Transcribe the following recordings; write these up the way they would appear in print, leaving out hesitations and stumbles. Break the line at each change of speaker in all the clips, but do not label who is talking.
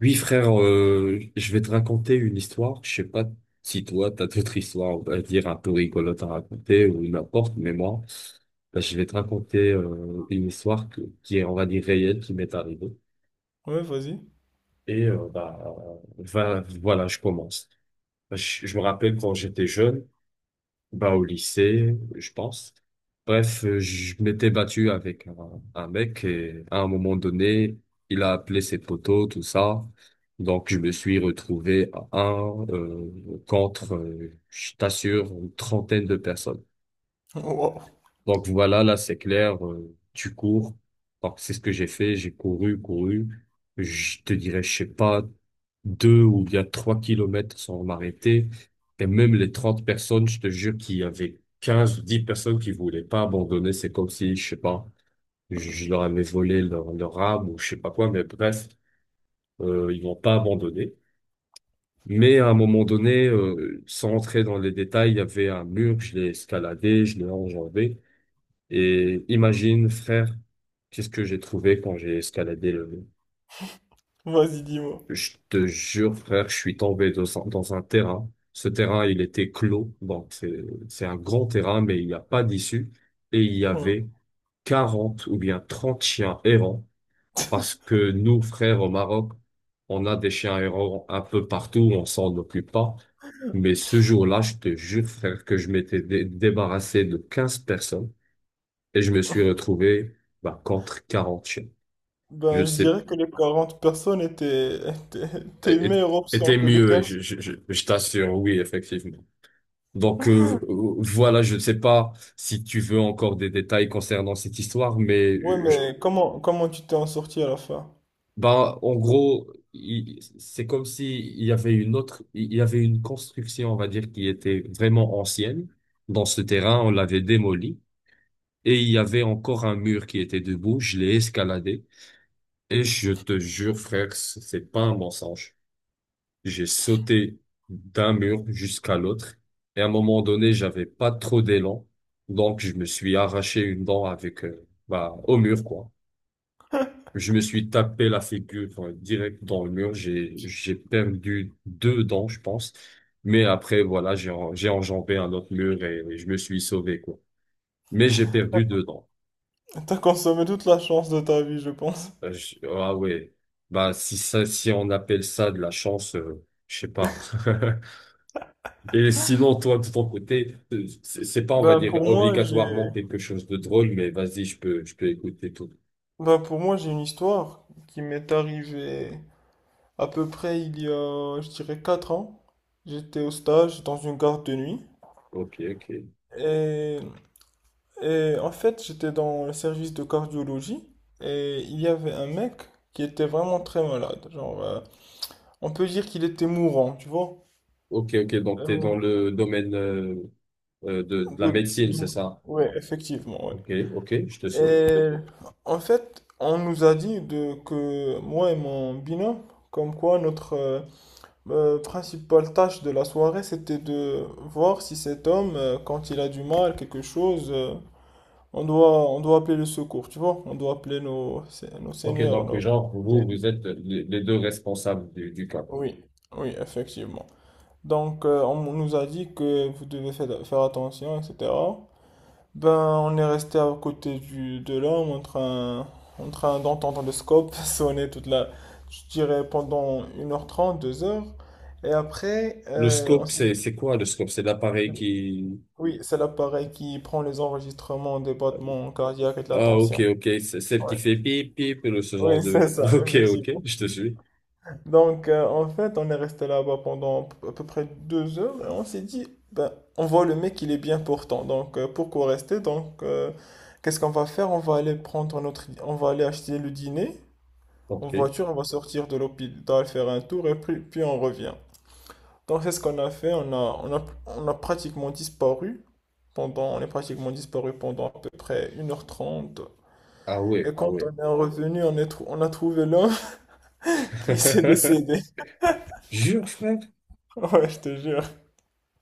Oui, frère, je vais te raconter une histoire. Je sais pas si toi, t'as d'autres histoires, on va dire, un peu rigolotes à raconter ou n'importe, mais moi, bah, je vais te raconter une histoire qui est, on va dire, réelle, qui m'est arrivée.
Ouais, vas-y.
Et voilà, je commence. Je me rappelle quand j'étais jeune, bah, au lycée, je pense. Bref, je m'étais battu avec un mec et à un moment donné, il a appelé ses potos, tout ça. Donc, je me suis retrouvé à un contre, je t'assure, une trentaine de personnes.
Wow.
Donc voilà, là c'est clair, tu cours. Donc c'est ce que j'ai fait, j'ai couru, couru. Je te dirais, je sais pas, 2 ou bien 3 kilomètres sans m'arrêter. Et même les 30 personnes, je te jure qu'il y avait 15 ou 10 personnes qui voulaient pas abandonner. C'est comme si, je sais pas, je leur avais volé leur âme ou je sais pas quoi, mais bref, ils n'ont pas abandonné. Mais à un moment donné, sans entrer dans les détails, il y avait un mur, je l'ai escaladé, je l'ai enjambé. Et imagine, frère, qu'est-ce que j'ai trouvé quand j'ai escaladé le...
Vas-y, dis-moi.
Je te jure, frère, je suis tombé dans dans un terrain. Ce terrain, il était clos. Bon, c'est un grand terrain, mais il n'y a pas d'issue. Et il y
Ouais.
avait 40 ou bien 30 chiens errants. Parce que nous, frères, au Maroc, on a des chiens errants un peu partout, on s'en occupe pas. Mais ce jour-là, je te jure, frère, que je m'étais débarrassé de 15 personnes. Et je me suis retrouvé bah, contre quarante chiens. Je
Ben, je
sais,
dirais que les 40 personnes étaient, étaient tes
é- é-
meilleures options
était
que les
mieux,
15.
je t'assure, oui, effectivement. Donc voilà, je ne sais pas si tu veux encore des détails concernant cette histoire, mais
Ouais, mais comment, comment tu t'es en sorti à la fin?
bah, en gros, c'est comme si il y avait une autre, il y avait une construction, on va dire, qui était vraiment ancienne. Dans ce terrain, on l'avait démoli et il y avait encore un mur qui était debout. Je l'ai escaladé. Et je te jure, frère, c'est pas un mensonge. J'ai sauté d'un mur jusqu'à l'autre. Et à un moment donné, j'avais pas trop d'élan. Donc, je me suis arraché une dent avec, au mur, quoi. Je me suis tapé la figure, enfin, direct dans le mur. J'ai perdu deux dents, je pense. Mais après, voilà, j'ai enjambé un autre mur et je me suis sauvé, quoi. Mais j'ai perdu deux dents.
T'as consommé toute la chance de ta vie, je pense.
Ah, ouais. Bah, si ça, si on appelle ça de la chance, je sais pas. Et sinon, toi, de ton côté, c'est pas, on va
Ben,
dire,
pour moi,
obligatoirement
j'ai,
quelque chose de drôle, mais vas-y, je peux écouter tout.
ben, pour moi, j'ai une histoire qui m'est arrivée à peu près il y a, je dirais, 4 ans. J'étais au stage dans une garde de nuit.
Ok, ok.
Et Et en fait, j'étais dans le service de cardiologie et il y avait un mec qui était vraiment très malade. Genre, on peut dire qu'il était mourant, tu vois.
Ok, ok. Donc, t'es dans
Euh,
le domaine de la
de-
médecine,
de-
c'est ça?
ouais, effectivement, ouais.
Ok, ok, je te suis.
Et en fait, on nous a dit de, que moi et mon binôme, comme quoi notre principale tâche de la soirée, c'était de voir si cet homme, quand il a du mal, quelque chose, on doit, on doit appeler le secours, tu vois? On doit appeler nos, nos
Ok,
seigneurs,
donc,
nos...
genre, vous, vous êtes les deux responsables du cas, quoi.
Oui, oui, effectivement. Donc, on nous a dit que vous devez faire, faire attention, etc. Ben, on est resté à côté du, de l'homme en train d'entendre le scope sonner toute la, je dirais, pendant une heure trente deux heures. Et après,
Le
on
scope,
s'est dit,
c'est quoi, le scope? C'est l'appareil qui...
oui, c'est l'appareil qui prend les enregistrements des battements cardiaques et de la
Ah, ok,
tension.
ok. C'est celle qui
Ouais.
fait pip, pip, le, ce genre
Oui, c'est
de...
ça,
Ok, ok,
effectivement.
je te suis.
Donc, en fait, on est resté là-bas pendant à peu près deux heures et on s'est dit, ben, on voit le mec, il est bien portant. Donc, pourquoi rester? Donc, qu'est-ce qu'on va faire? On va aller prendre notre, on va aller acheter le dîner en
Ok.
voiture, on va sortir de l'hôpital, faire un tour et puis, puis on revient. Donc, c'est ce qu'on a fait. On a pratiquement disparu pendant, on est pratiquement disparu pendant à peu près une heure trente.
Ah, ouais,
Et
ah,
quand
ouais.
on est revenu, on a trouvé l'homme qui s'est décédé.
Jure, frère.
Ouais, je te jure.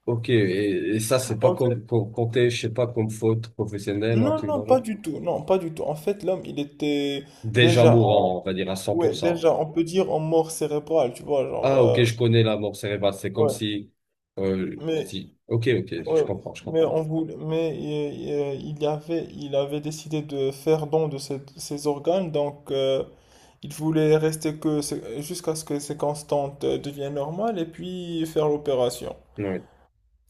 Ok, et ça, c'est pas
En fait,
compté, je sais pas, comme faute professionnelle ou un
Non,
truc dans
non,
le
pas
genre.
du tout. Non, pas du tout. En fait, l'homme, il était
Déjà
déjà en,
mourant, on va dire à cent pour
ouais,
cent
déjà, on peut dire en mort cérébrale, tu vois, genre,
Ah, ok, je connais la mort cérébrale. C'est comme
ouais.
si,
Mais,
ok, ok,
ouais,
je
mais
comprends.
on voulait, mais il y avait, il avait décidé de faire don de ses, ses organes, donc il voulait rester jusqu'à ce que ses constantes deviennent normales et puis faire l'opération.
Oui.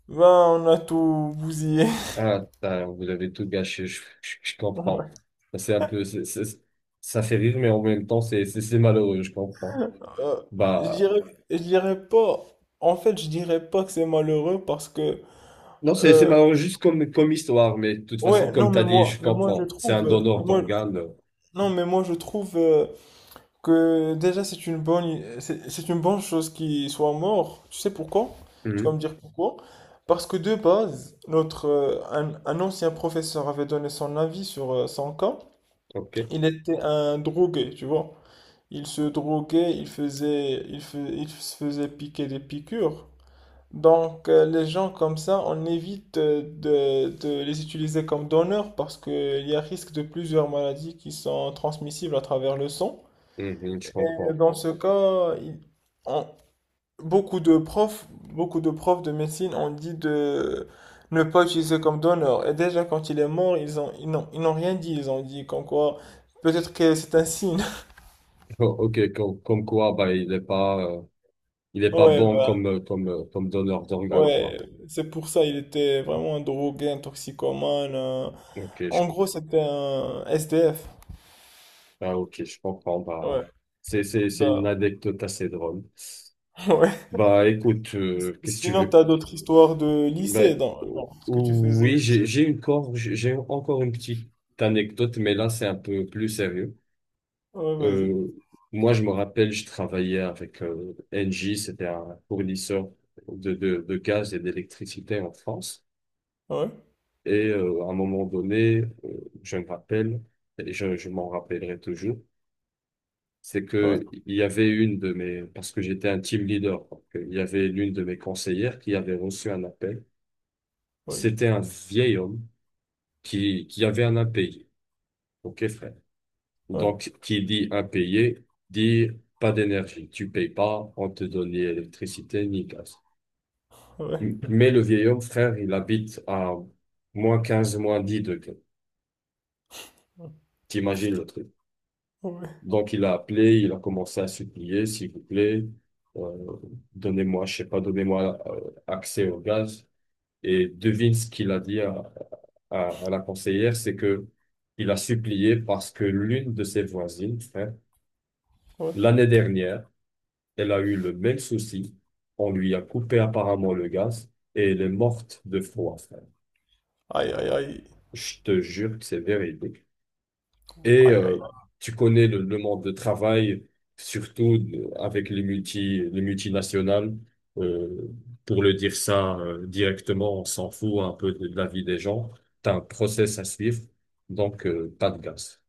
Ben, on a tout bousillé.
Ah, putain, vous avez tout gâché, je comprends. C'est un peu, ça fait rire, mais en même temps, c'est malheureux, je comprends.
Euh, je
Bah,
dirais, je dirais pas. En fait, je dirais pas que c'est malheureux parce que,
non, c'est
euh,
malheureux juste comme, comme histoire, mais de toute façon,
ouais,
comme
non,
t'as dit, je
mais moi, je
comprends. C'est un
trouve, mais
donneur
moi,
d'organes.
non, mais moi, je trouve que déjà c'est une bonne chose qu'il soit mort. Tu sais pourquoi? Tu vas
Mhm.
me dire pourquoi? Parce que de base, notre, un ancien professeur avait donné son avis sur son cas.
Ok.
Il était un drogué, tu vois. Il se droguait, il faisait, il fais- Il se faisait piquer des piqûres. Donc, les gens comme ça, on évite de les utiliser comme donneurs parce qu'il y a risque de plusieurs maladies qui sont transmissibles à travers le sang.
Mhm, je
Et
comprends.
dans ce cas, on- beaucoup de profs de médecine ont dit de ne pas utiliser comme donneur. Et déjà, quand il est mort, ils n'ont rien dit. Ils ont dit comme quoi, peut-être que c'est un signe.
Oh, ok, comme, comme quoi, bah, il est pas
Ouais,
bon
bah,
comme, comme donneur d'organes,
ouais,
quoi.
c'est pour ça, il était vraiment un drogué, un toxicomane.
Ok.
En gros, c'était un SDF.
Ah, ok, je comprends. Bah,
Ouais.
c'est une
Ben,
anecdote assez drôle.
ouais.
Bah, écoute, qu'est-ce que tu
Sinon,
veux?
t'as d'autres histoires de
Bah,
lycée dans, dans ce que tu faisais au
oui,
lycée?
j'ai encore une petite anecdote, mais là, c'est un peu plus sérieux.
Ouais, vas-y.
Euh, moi, je me rappelle, je travaillais avec Engie, c'était un fournisseur de, de gaz et d'électricité en France.
Ouais,
Et à un moment donné, je me rappelle, et je m'en rappellerai toujours, c'est
ouais,
que il y avait une de mes, parce que j'étais un team leader, donc, il y avait l'une de mes conseillères qui avait reçu un appel.
ouais,
C'était un vieil homme qui avait un impayé. OK, frère.
ouais,
Donc, qui dit impayé, dit pas d'énergie. Tu payes pas, on te donne ni électricité, ni gaz.
ouais.
Mais le vieil homme, frère, il habite à -15 -10 degrés. T'imagines
Putain,
le truc.
ouais,
Donc il a appelé, il a commencé à supplier, s'il vous plaît, euh, donnez-moi, je sais pas, donnez-moi accès au gaz. Et devine ce qu'il a dit à la conseillère, c'est que il a supplié parce que l'une de ses voisines, frère,
ouais.
l'année dernière, elle a eu le même souci. On lui a coupé apparemment le gaz et elle est morte de froid, frère.
Aïe, aïe, aïe.
Je te jure que c'est véridique. Et
Aïe, aïe.
tu connais le monde de travail, surtout avec les les multinationales. Euh, pour le dire ça directement, on s'en fout un peu de, la vie des gens. T'as un process à suivre, donc pas de gaz.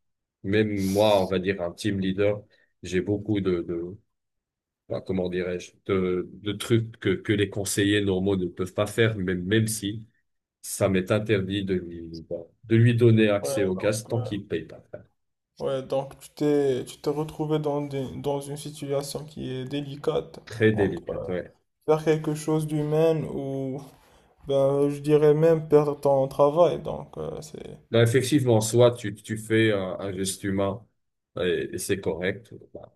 Même moi, on va dire un team leader, j'ai beaucoup de bah, comment dirais-je, de trucs que les conseillers normaux ne peuvent pas faire, même, même si ça m'est interdit de lui, bah, de lui donner
Ouais,
accès au
donc,
gaz tant
euh,
qu'il paye pas.
ouais, donc tu t'es retrouvé dans une situation qui est délicate
Très
entre
délicate, ouais.
faire quelque chose d'humain ou, ben, je dirais même perdre ton travail. Donc, c'est.
Non, effectivement, soit tu, tu fais un geste humain et c'est correct, bah,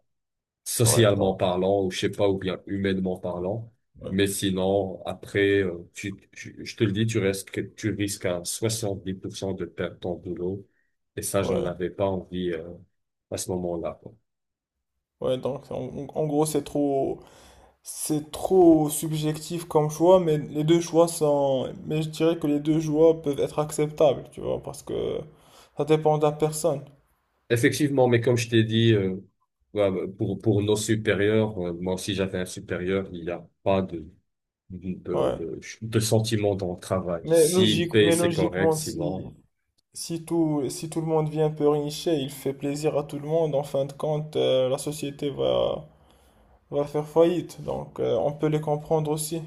Ouais,
socialement
donc,
parlant, ou je sais pas, ou bien humainement parlant.
ouais,
Mais sinon, après, je te le dis, tu risques à 70% de perdre ton boulot. Et ça, j'en
ouais.
avais pas envie, à ce moment-là, quoi.
Ouais, donc en, en gros, c'est trop subjectif comme choix, mais les deux choix sont, mais je dirais que les deux choix peuvent être acceptables, tu vois, parce que ça dépend de la personne.
Effectivement, mais comme je t'ai dit, ouais, pour nos supérieurs, moi aussi j'avais un supérieur, il n'y a pas de
Ouais.
de sentiments dans le travail.
Mais
S'il
logique,
paye,
mais
c'est correct,
logiquement, si,
sinon,
si tout, si tout le monde vient un peu richer, il fait plaisir à tout le monde, en fin de compte, la société va, va faire faillite, donc on peut les comprendre aussi.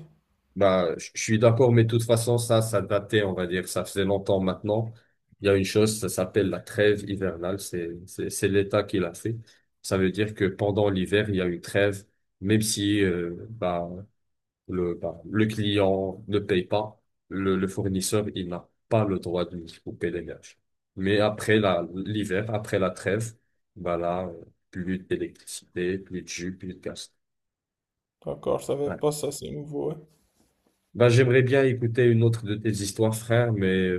bah, je suis d'accord, mais de toute façon, ça datait, on va dire, ça faisait longtemps maintenant. Il y a une chose, ça s'appelle la trêve hivernale, c'est l'État qui l'a fait. Ça veut dire que pendant l'hiver, il y a une trêve, même si, le client ne paye pas, le fournisseur, il n'a pas le droit de lui couper l'héberge. Mais après l'hiver, après la trêve, bah là, plus d'électricité, plus de jus, plus de gaz.
D'accord, je savais
Ouais.
pas ça, c'est nouveau.
Bah, j'aimerais bien écouter une autre de tes histoires, frère, mais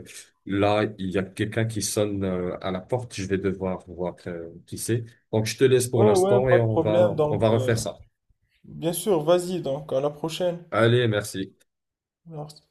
là, il y a quelqu'un qui sonne à la porte. Je vais devoir voir qui c'est. Donc, je te laisse pour
Ouais, ouais, ouais,
l'instant et
pas de problème,
on
donc.
va refaire ça.
Bien sûr, vas-y donc, à la prochaine.
Allez, merci.
Merci.